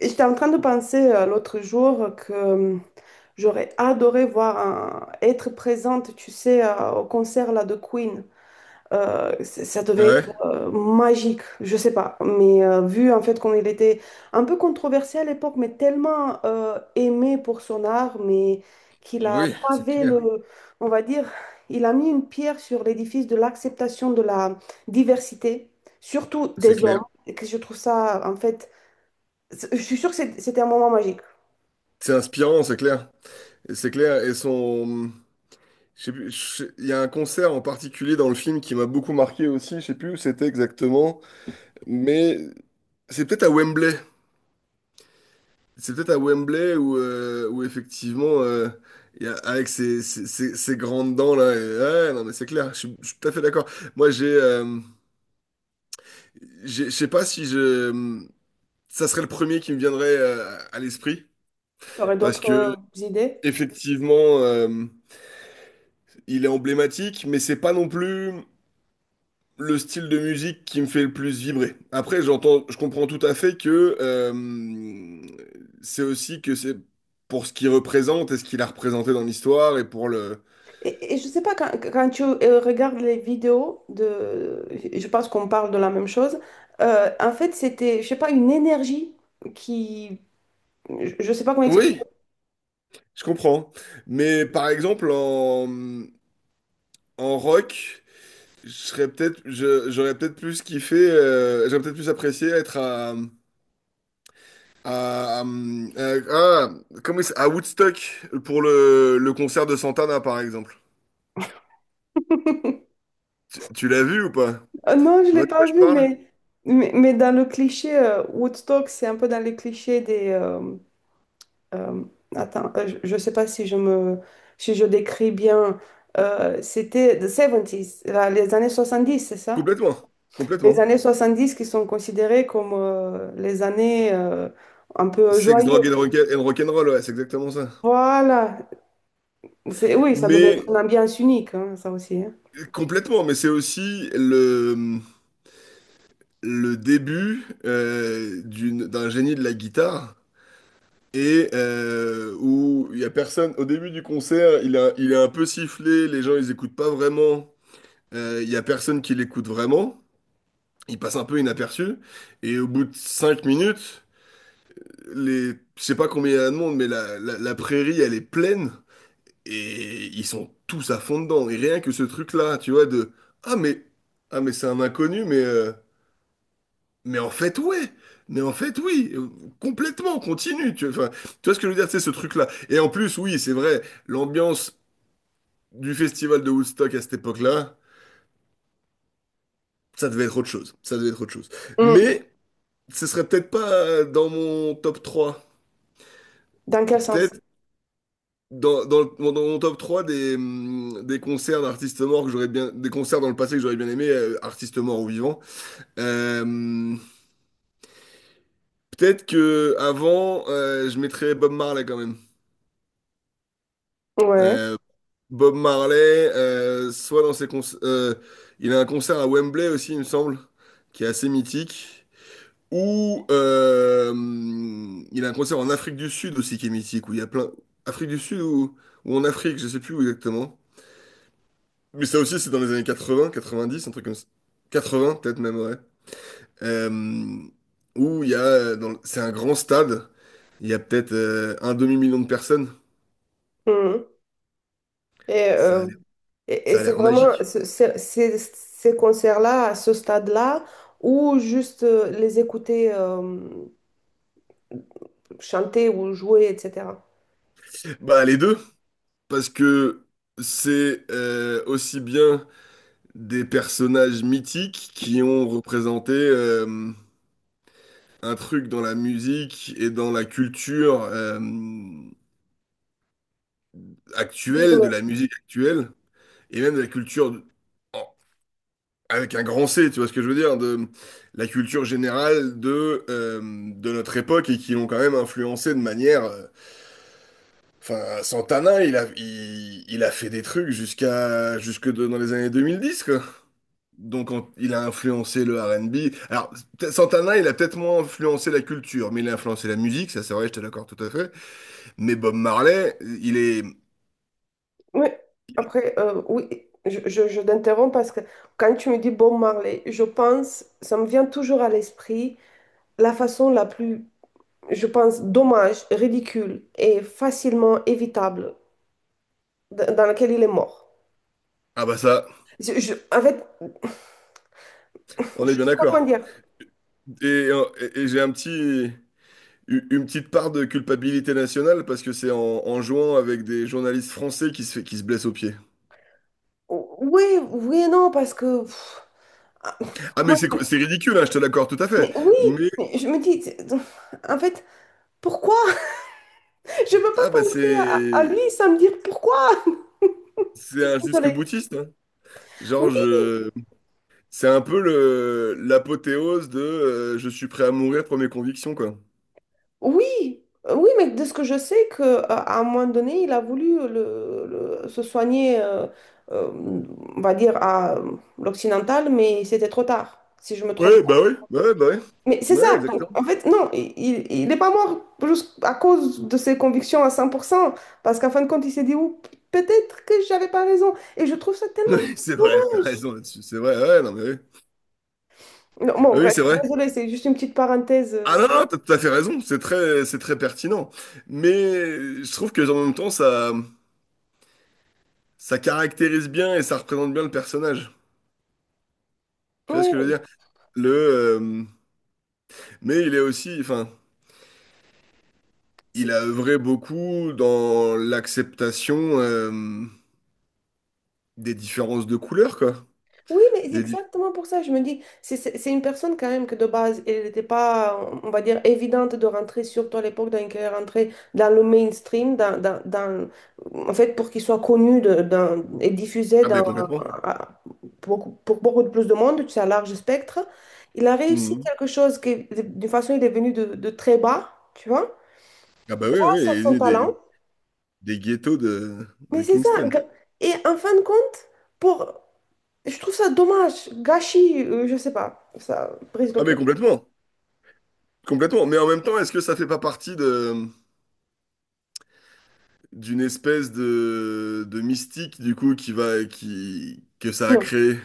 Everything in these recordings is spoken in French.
Et j'étais en train de penser l'autre jour que j'aurais adoré voir être présente, tu sais, au concert là, de Queen. Ça Ah devait ouais, être magique, je sais pas. Mais vu en fait qu'on il était un peu controversé à l'époque, mais tellement aimé pour son art, mais qu'il a oui, c'est pavé clair, le, on va dire, il a mis une pierre sur l'édifice de l'acceptation de la diversité, surtout c'est des hommes. clair. Et que je trouve ça en fait. Je suis sûre que c'était un moment magique. C'est inspirant, c'est clair. C'est clair, et son... Je sais plus, je sais- Il y a un concert en particulier dans le film qui m'a beaucoup marqué aussi, je sais plus où c'était exactement, mais c'est peut-être à Wembley. C'est peut-être à Wembley où, où effectivement, avec ses grandes dents. Ouais, non mais c'est clair, je suis tout à fait d'accord. Moi je sais pas si je... Ça serait le premier qui me viendrait à l'esprit, Tu aurais parce d'autres que... idées? Effectivement, il est emblématique, mais c'est pas non plus le style de musique qui me fait le plus vibrer. Après, j'entends, je comprends tout à fait que c'est aussi que c'est pour ce qu'il représente et ce qu'il a représenté dans l'histoire et pour le. Et je sais pas, quand tu regardes les vidéos de, je pense qu'on parle de la même chose. En fait, c'était, je sais pas, une énergie qui, je sais pas comment expliquer. Oui, je comprends. Mais par exemple, en rock, je serais j'aurais peut-être plus kiffé, j'aurais peut-être plus apprécié être à À, euh, ah, à Woodstock pour le concert de Santana par exemple. Tu l'as vu ou pas? Non, je Tu l'ai vois de quoi pas je vu, parle? mais dans le cliché Woodstock, c'est un peu dans les clichés des. Euh, attends, je sais pas si je me, si je décris bien. C'était the 70s, les années 70, c'est ça? Complètement, Les complètement. années 70 qui sont considérées comme les années un peu Sex, joyeuses. And rock'n'roll, ouais, c'est exactement ça. Voilà. C'est, oui, ça devait être Mais une ambiance unique, hein, ça aussi, hein. complètement, mais c'est aussi le début d'un génie de la guitare. Où il y a personne, au début du concert, il est un peu sifflé, les gens ils écoutent pas vraiment. Il y a personne qui l'écoute vraiment. Il passe un peu inaperçu. Et au bout de cinq minutes, les, je sais pas combien il y a de monde, mais la prairie, elle est pleine. Et ils sont tous à fond dedans. Et rien que ce truc-là, tu vois, de ah mais ah mais c'est un inconnu, mais en fait ouais, mais en fait oui. Complètement, continue. Tu vois ce que je veux dire, c'est ce truc-là. Et en plus, oui, c'est vrai, l'ambiance du festival de Woodstock à cette époque-là, ça devait être autre chose. Ça devait être autre chose. Mm. Mais ce serait peut-être pas dans mon top trois. Dans quel sens? Peut-être dans mon top 3 des concerts d'artistes morts que j'aurais bien, des concerts dans le passé que j'aurais bien aimé, artistes morts ou vivants. Euh, Peut-être que avant, je mettrais Bob Marley quand même. Ouais. Euh, Bob Marley, soit dans ses concerts, il a un concert à Wembley aussi, il me semble, qui est assez mythique. Ou Il a un concert en Afrique du Sud aussi qui est mythique, où il y a plein. Afrique du Sud ou en Afrique, je sais plus où exactement. Mais ça aussi, c'est dans les années 80, 90, un truc comme ça. 80, peut-être même, ouais. Euh, où il y a, dans le- C'est un grand stade, il y a peut-être un demi-million de personnes. Mm. Et, Ça a euh, l'air, et Ça a c'est l'air vraiment magique. Ces concerts-là, à ce stade-là, ou juste les écouter chanter ou jouer, etc. Bah, les deux, parce que c'est aussi bien des personnages mythiques qui ont représenté un truc dans la musique et dans la culture actuelle, de la musique actuelle, et même de la culture en, avec un grand C, tu vois ce que je veux dire, de la culture générale de notre époque et qui l'ont quand même influencé de manière. Enfin, Santana, il a fait des trucs dans les années 2010, quoi. Donc, il a influencé le R&B. Alors, Santana, il a peut-être moins influencé la culture, mais il a influencé la musique, ça c'est vrai, j'étais d'accord tout à fait. Mais Bob Marley, il est. Oui, après, oui, je t'interromps parce que quand tu me dis Bob Marley, je pense, ça me vient toujours à l'esprit la façon la plus, je pense, dommage, ridicule et facilement évitable dans laquelle il est mort. Ah bah ça, En fait, je on est bien sais pas comment d'accord. dire. Et, et j'ai un petit. Une petite part de culpabilité nationale parce que c'est en jouant avec des journalistes français qui se blessent au pied. Oui, oui et non, parce que... ah, Ah mais comment- c'est ridicule, hein, je te l'accorde tout à fait. mais oui, Mais mais je me dis, en fait, pourquoi? Je ne peux ah pas bah penser à c'est lui sans me dire pourquoi. c'est un Désolée. jusque-boutiste, hein. Genre je C'est un peu le l'apothéose de je suis prêt à mourir pour mes convictions quoi. Oui, oui, mais de ce que je sais, que, à un moment donné, il a voulu se soigner, euh, on va dire, à l'occidental, mais c'était trop tard, si je me trompe Ouais pas. bah ouais ouais bah ouais Mais c'est ouais ça, donc exactement. en fait, non, il n'est pas mort juste à cause de ses convictions à 100% parce qu'en fin de compte, il s'est dit, ouh, peut-être que j'avais pas raison. Et je trouve ça tellement Oui, c'est vrai, t'as dommage. raison là-dessus, c'est vrai, ouais, non mais oui, Non, bon, oui, c'est bref, vrai. désolé, c'est juste une petite parenthèse. Ah non, non, t'as tout à fait raison, c'est très pertinent. Mais je trouve que en même temps, ça caractérise bien et ça représente bien le personnage. Tu vois ce que je veux Ouais. dire? Le, euh, mais il est aussi, enfin, il a œuvré beaucoup dans l'acceptation des différences de couleurs, quoi. Oui, mais c'est Des dif- exactement pour ça, je me dis, c'est une personne quand même que de base, elle n'était pas, on va dire, évidente de rentrer, surtout à l'époque, dans laquelle elle rentrait dans le mainstream, en fait, pour qu'il soit connu et diffusé Ah dans, ben complètement. à- pour beaucoup de plus de monde, tu sais, à large spectre. Il a réussi Mhm. quelque chose qui, d'une façon, il est venu de très bas, tu vois, Ah bah oui, oui, oui, grâce à il est son né talent. des ghettos Mais de c'est ça, Kingston. Et en fin de compte, pour je trouve ça dommage, gâchis, je sais pas, ça brise le Ah mais cœur. complètement, complètement. Mais en même temps, est-ce que ça fait pas partie de d'une espèce de mystique du coup qui va qui que ça a Non, créé?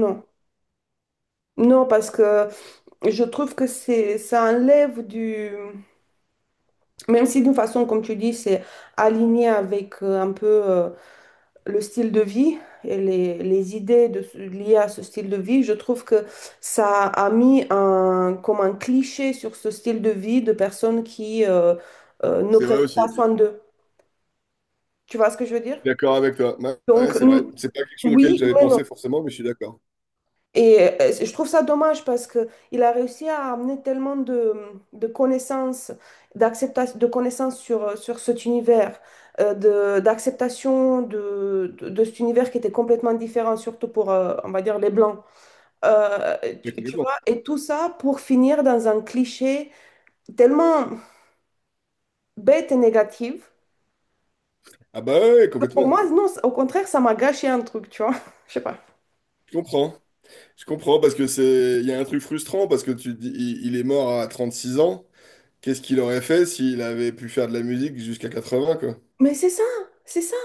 non, non, parce que je trouve que c'est, ça enlève du, même si d'une façon, comme tu dis, c'est aligné avec un peu le style de vie et les idées liées à ce style de vie, je trouve que ça a mis un, comme un cliché sur ce style de vie de personnes qui ne C'est vrai prennent aussi. pas soin d'eux. Tu vois ce que je veux dire? D'accord avec toi. Ouais, ouais, Donc, c'est vrai. C'est pas quelque chose auquel oui, j'avais mais non. pensé forcément, mais je suis d'accord. Et je trouve ça dommage parce que il a réussi à amener tellement de connaissances, d'acceptation, de connaissances sur cet univers, de, d'acceptation de cet univers qui était complètement différent, surtout pour, on va dire, les Blancs. Euh, Mais tu complètement. vois, et tout ça pour finir dans un cliché tellement bête et négatif. Ah bah ouais, ouais, Pour complètement. moi, non, au contraire, ça m'a gâché un truc, tu vois. Je sais pas. Je comprends. Je comprends parce que c'est, il y a un truc frustrant parce que tu te dis, il est mort à 36 ans. Qu'est-ce qu'il aurait fait s'il avait pu faire de la musique jusqu'à 80 quoi? Mais c'est ça, c'est ça.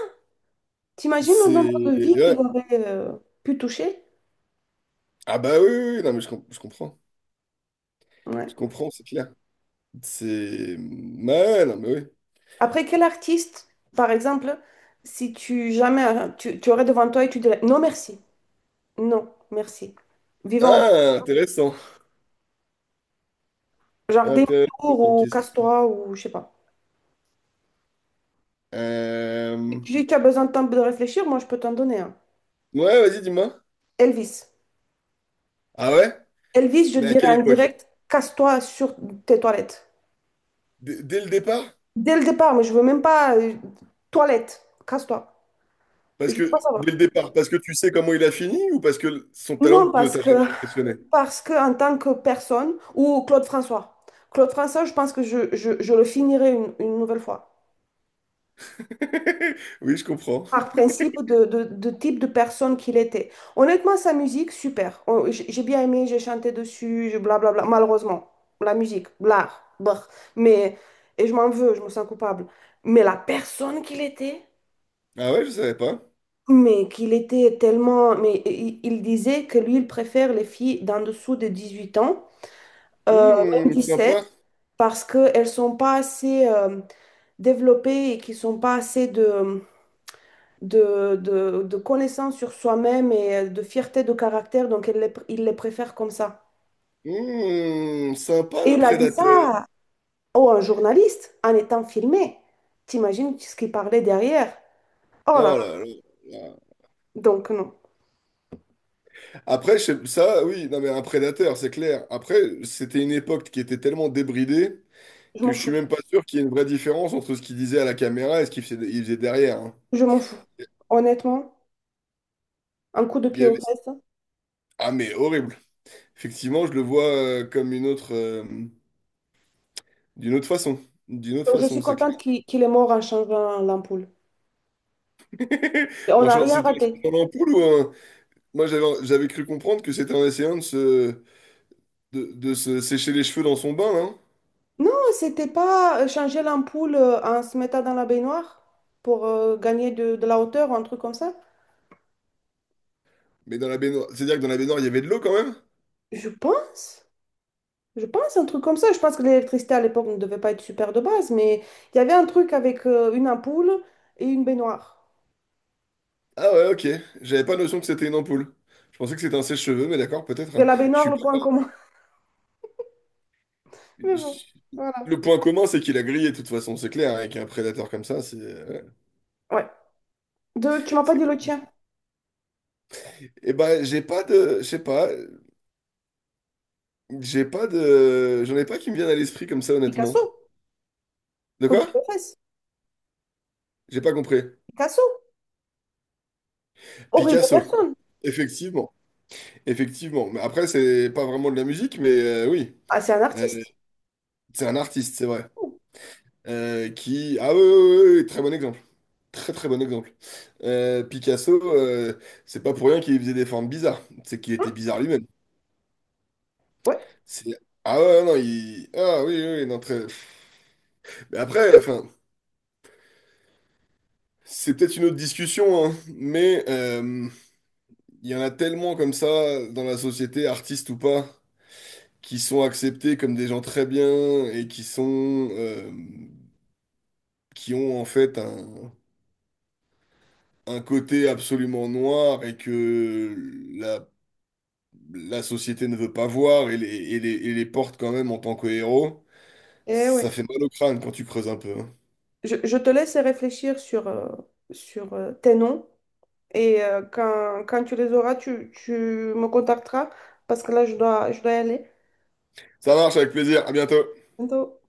T'imagines le nombre C'est... de vies qu'il Ouais. aurait, pu toucher? Ah bah oui, oui, oui, non mais je comprends. Ouais. Je comprends, c'est clair. C'est... Ouais, non mais oui. Après, quel artiste, par exemple, si tu jamais tu aurais devant toi et tu dirais non merci, non merci, vivant Ah, intéressant. jardin Intéressant tour comme ou question. casse-toi ou je sais pas. Si Euh, tu as besoin de temps de réfléchir, moi je peux t'en donner un. Ouais, vas-y, dis-moi. Elvis. Ah ouais? Elvis, je Mais à dirais quelle en époque? direct, casse-toi sur tes toilettes. Dès le départ? Dès le départ, mais je veux même pas toilette, casse-toi. Je Parce veux que... pas Dès le savoir. départ, parce que tu sais comment il a fini ou parce que son Non, talent ne parce t'a jamais que impressionné? En tant que personne ou Claude François. Claude François, je pense que je le finirai une nouvelle fois. Oui, je comprends. Par principe de, de type de personne qu'il était. Honnêtement, sa musique, super. J'ai bien aimé, j'ai chanté dessus, blablabla. Malheureusement, la musique, l'art, brr. Mais, et je m'en veux, je me sens coupable. Mais la personne qu'il était, Ah ouais, je savais pas. mais qu'il était tellement... Mais il disait que lui, il préfère les filles d'en dessous de 18 ans, euh, Hmm, même sept sympa. parce qu'elles ne sont pas assez... développées et qui ne sont pas assez de connaissance sur soi-même et de fierté de caractère, donc il les préfère comme ça. Hmm, sympa Et le il a dit prédateur. ça oh, un journaliste en étant filmé. T'imagines ce qu'il parlait derrière? Oh là là, Oh là là. donc non, Après, ça, oui, non, mais un prédateur, c'est clair. Après, c'était une époque qui était tellement débridée je que m'en je suis fous, même pas sûr qu'il y ait une vraie différence entre ce qu'il disait à la caméra et ce il faisait derrière, hein. je m'en fous. Honnêtement, un coup de Il y pied avait... aux fesses. Ah, mais horrible. Effectivement, je le vois comme une autre, d'une autre façon. D'une autre Donc, je suis façon, c'est contente clair. qu'il est mort en changeant l'ampoule. Et on n'a rien C'était en raté. changeant l'ampoule ou un... Moi, j'avais cru comprendre que c'était en essayant de se... De se sécher les cheveux dans son bain, hein. Non, c'était pas changer l'ampoule en se mettant dans la baignoire pour gagner de la hauteur ou un truc comme ça. Mais dans la baignoire... C'est-à-dire que dans la baignoire, il y avait de l'eau quand même? Je pense. Je pense un truc comme ça. Je pense que l'électricité à l'époque ne devait pas être super de base, mais il y avait un truc avec une ampoule et une baignoire. Ah ouais, ok. J'avais pas notion que c'était une ampoule. Je pensais que c'était un sèche-cheveux, mais d'accord, peut-être, Mais hein. la Je baignoire, suis pas... le point commun. Mais bon, je- voilà. Le point commun, c'est qu'il a grillé, de toute façon, c'est clair, hein. Avec un prédateur comme ça, c'est... ouais, Ouais. Tu m'as pas dit le cool. tien. Eh ben, j'ai pas de... Je sais pas. J'ai pas de... J'en ai pas qui me viennent à l'esprit comme ça, honnêtement. Picasso. De Coup de quoi? pied fesses. J'ai pas compris. Picasso. Horrible Picasso. personne. Effectivement. Effectivement. Mais après, c'est pas vraiment de la musique, mais oui. Ah, c'est un Euh, artiste. c'est un artiste, c'est vrai. Qui... Ah oui, oui, oui, oui, oui, très bon exemple. Très, très bon exemple. Picasso, c'est pas pour rien qu'il faisait des formes bizarres. C'est qu'il était Hein. bizarre lui-même. Ouais. C'est... Ah ouais, non, il... Ah oui, oui, oui, non, très... Mais après, enfin, c'est peut-être une autre discussion, hein, mais il y en a tellement comme ça dans la société, artistes ou pas, qui sont acceptés comme des gens très bien et qui sont... qui ont en fait un côté absolument noir et que la, la société ne veut pas voir et les porte quand même en tant que héros. Eh Ça oui. fait mal au crâne quand tu creuses un peu, hein. Je te laisse réfléchir sur tes noms et quand tu les auras, tu me contacteras parce que là, je dois y aller. Ça marche, avec plaisir. À bientôt. Bientôt.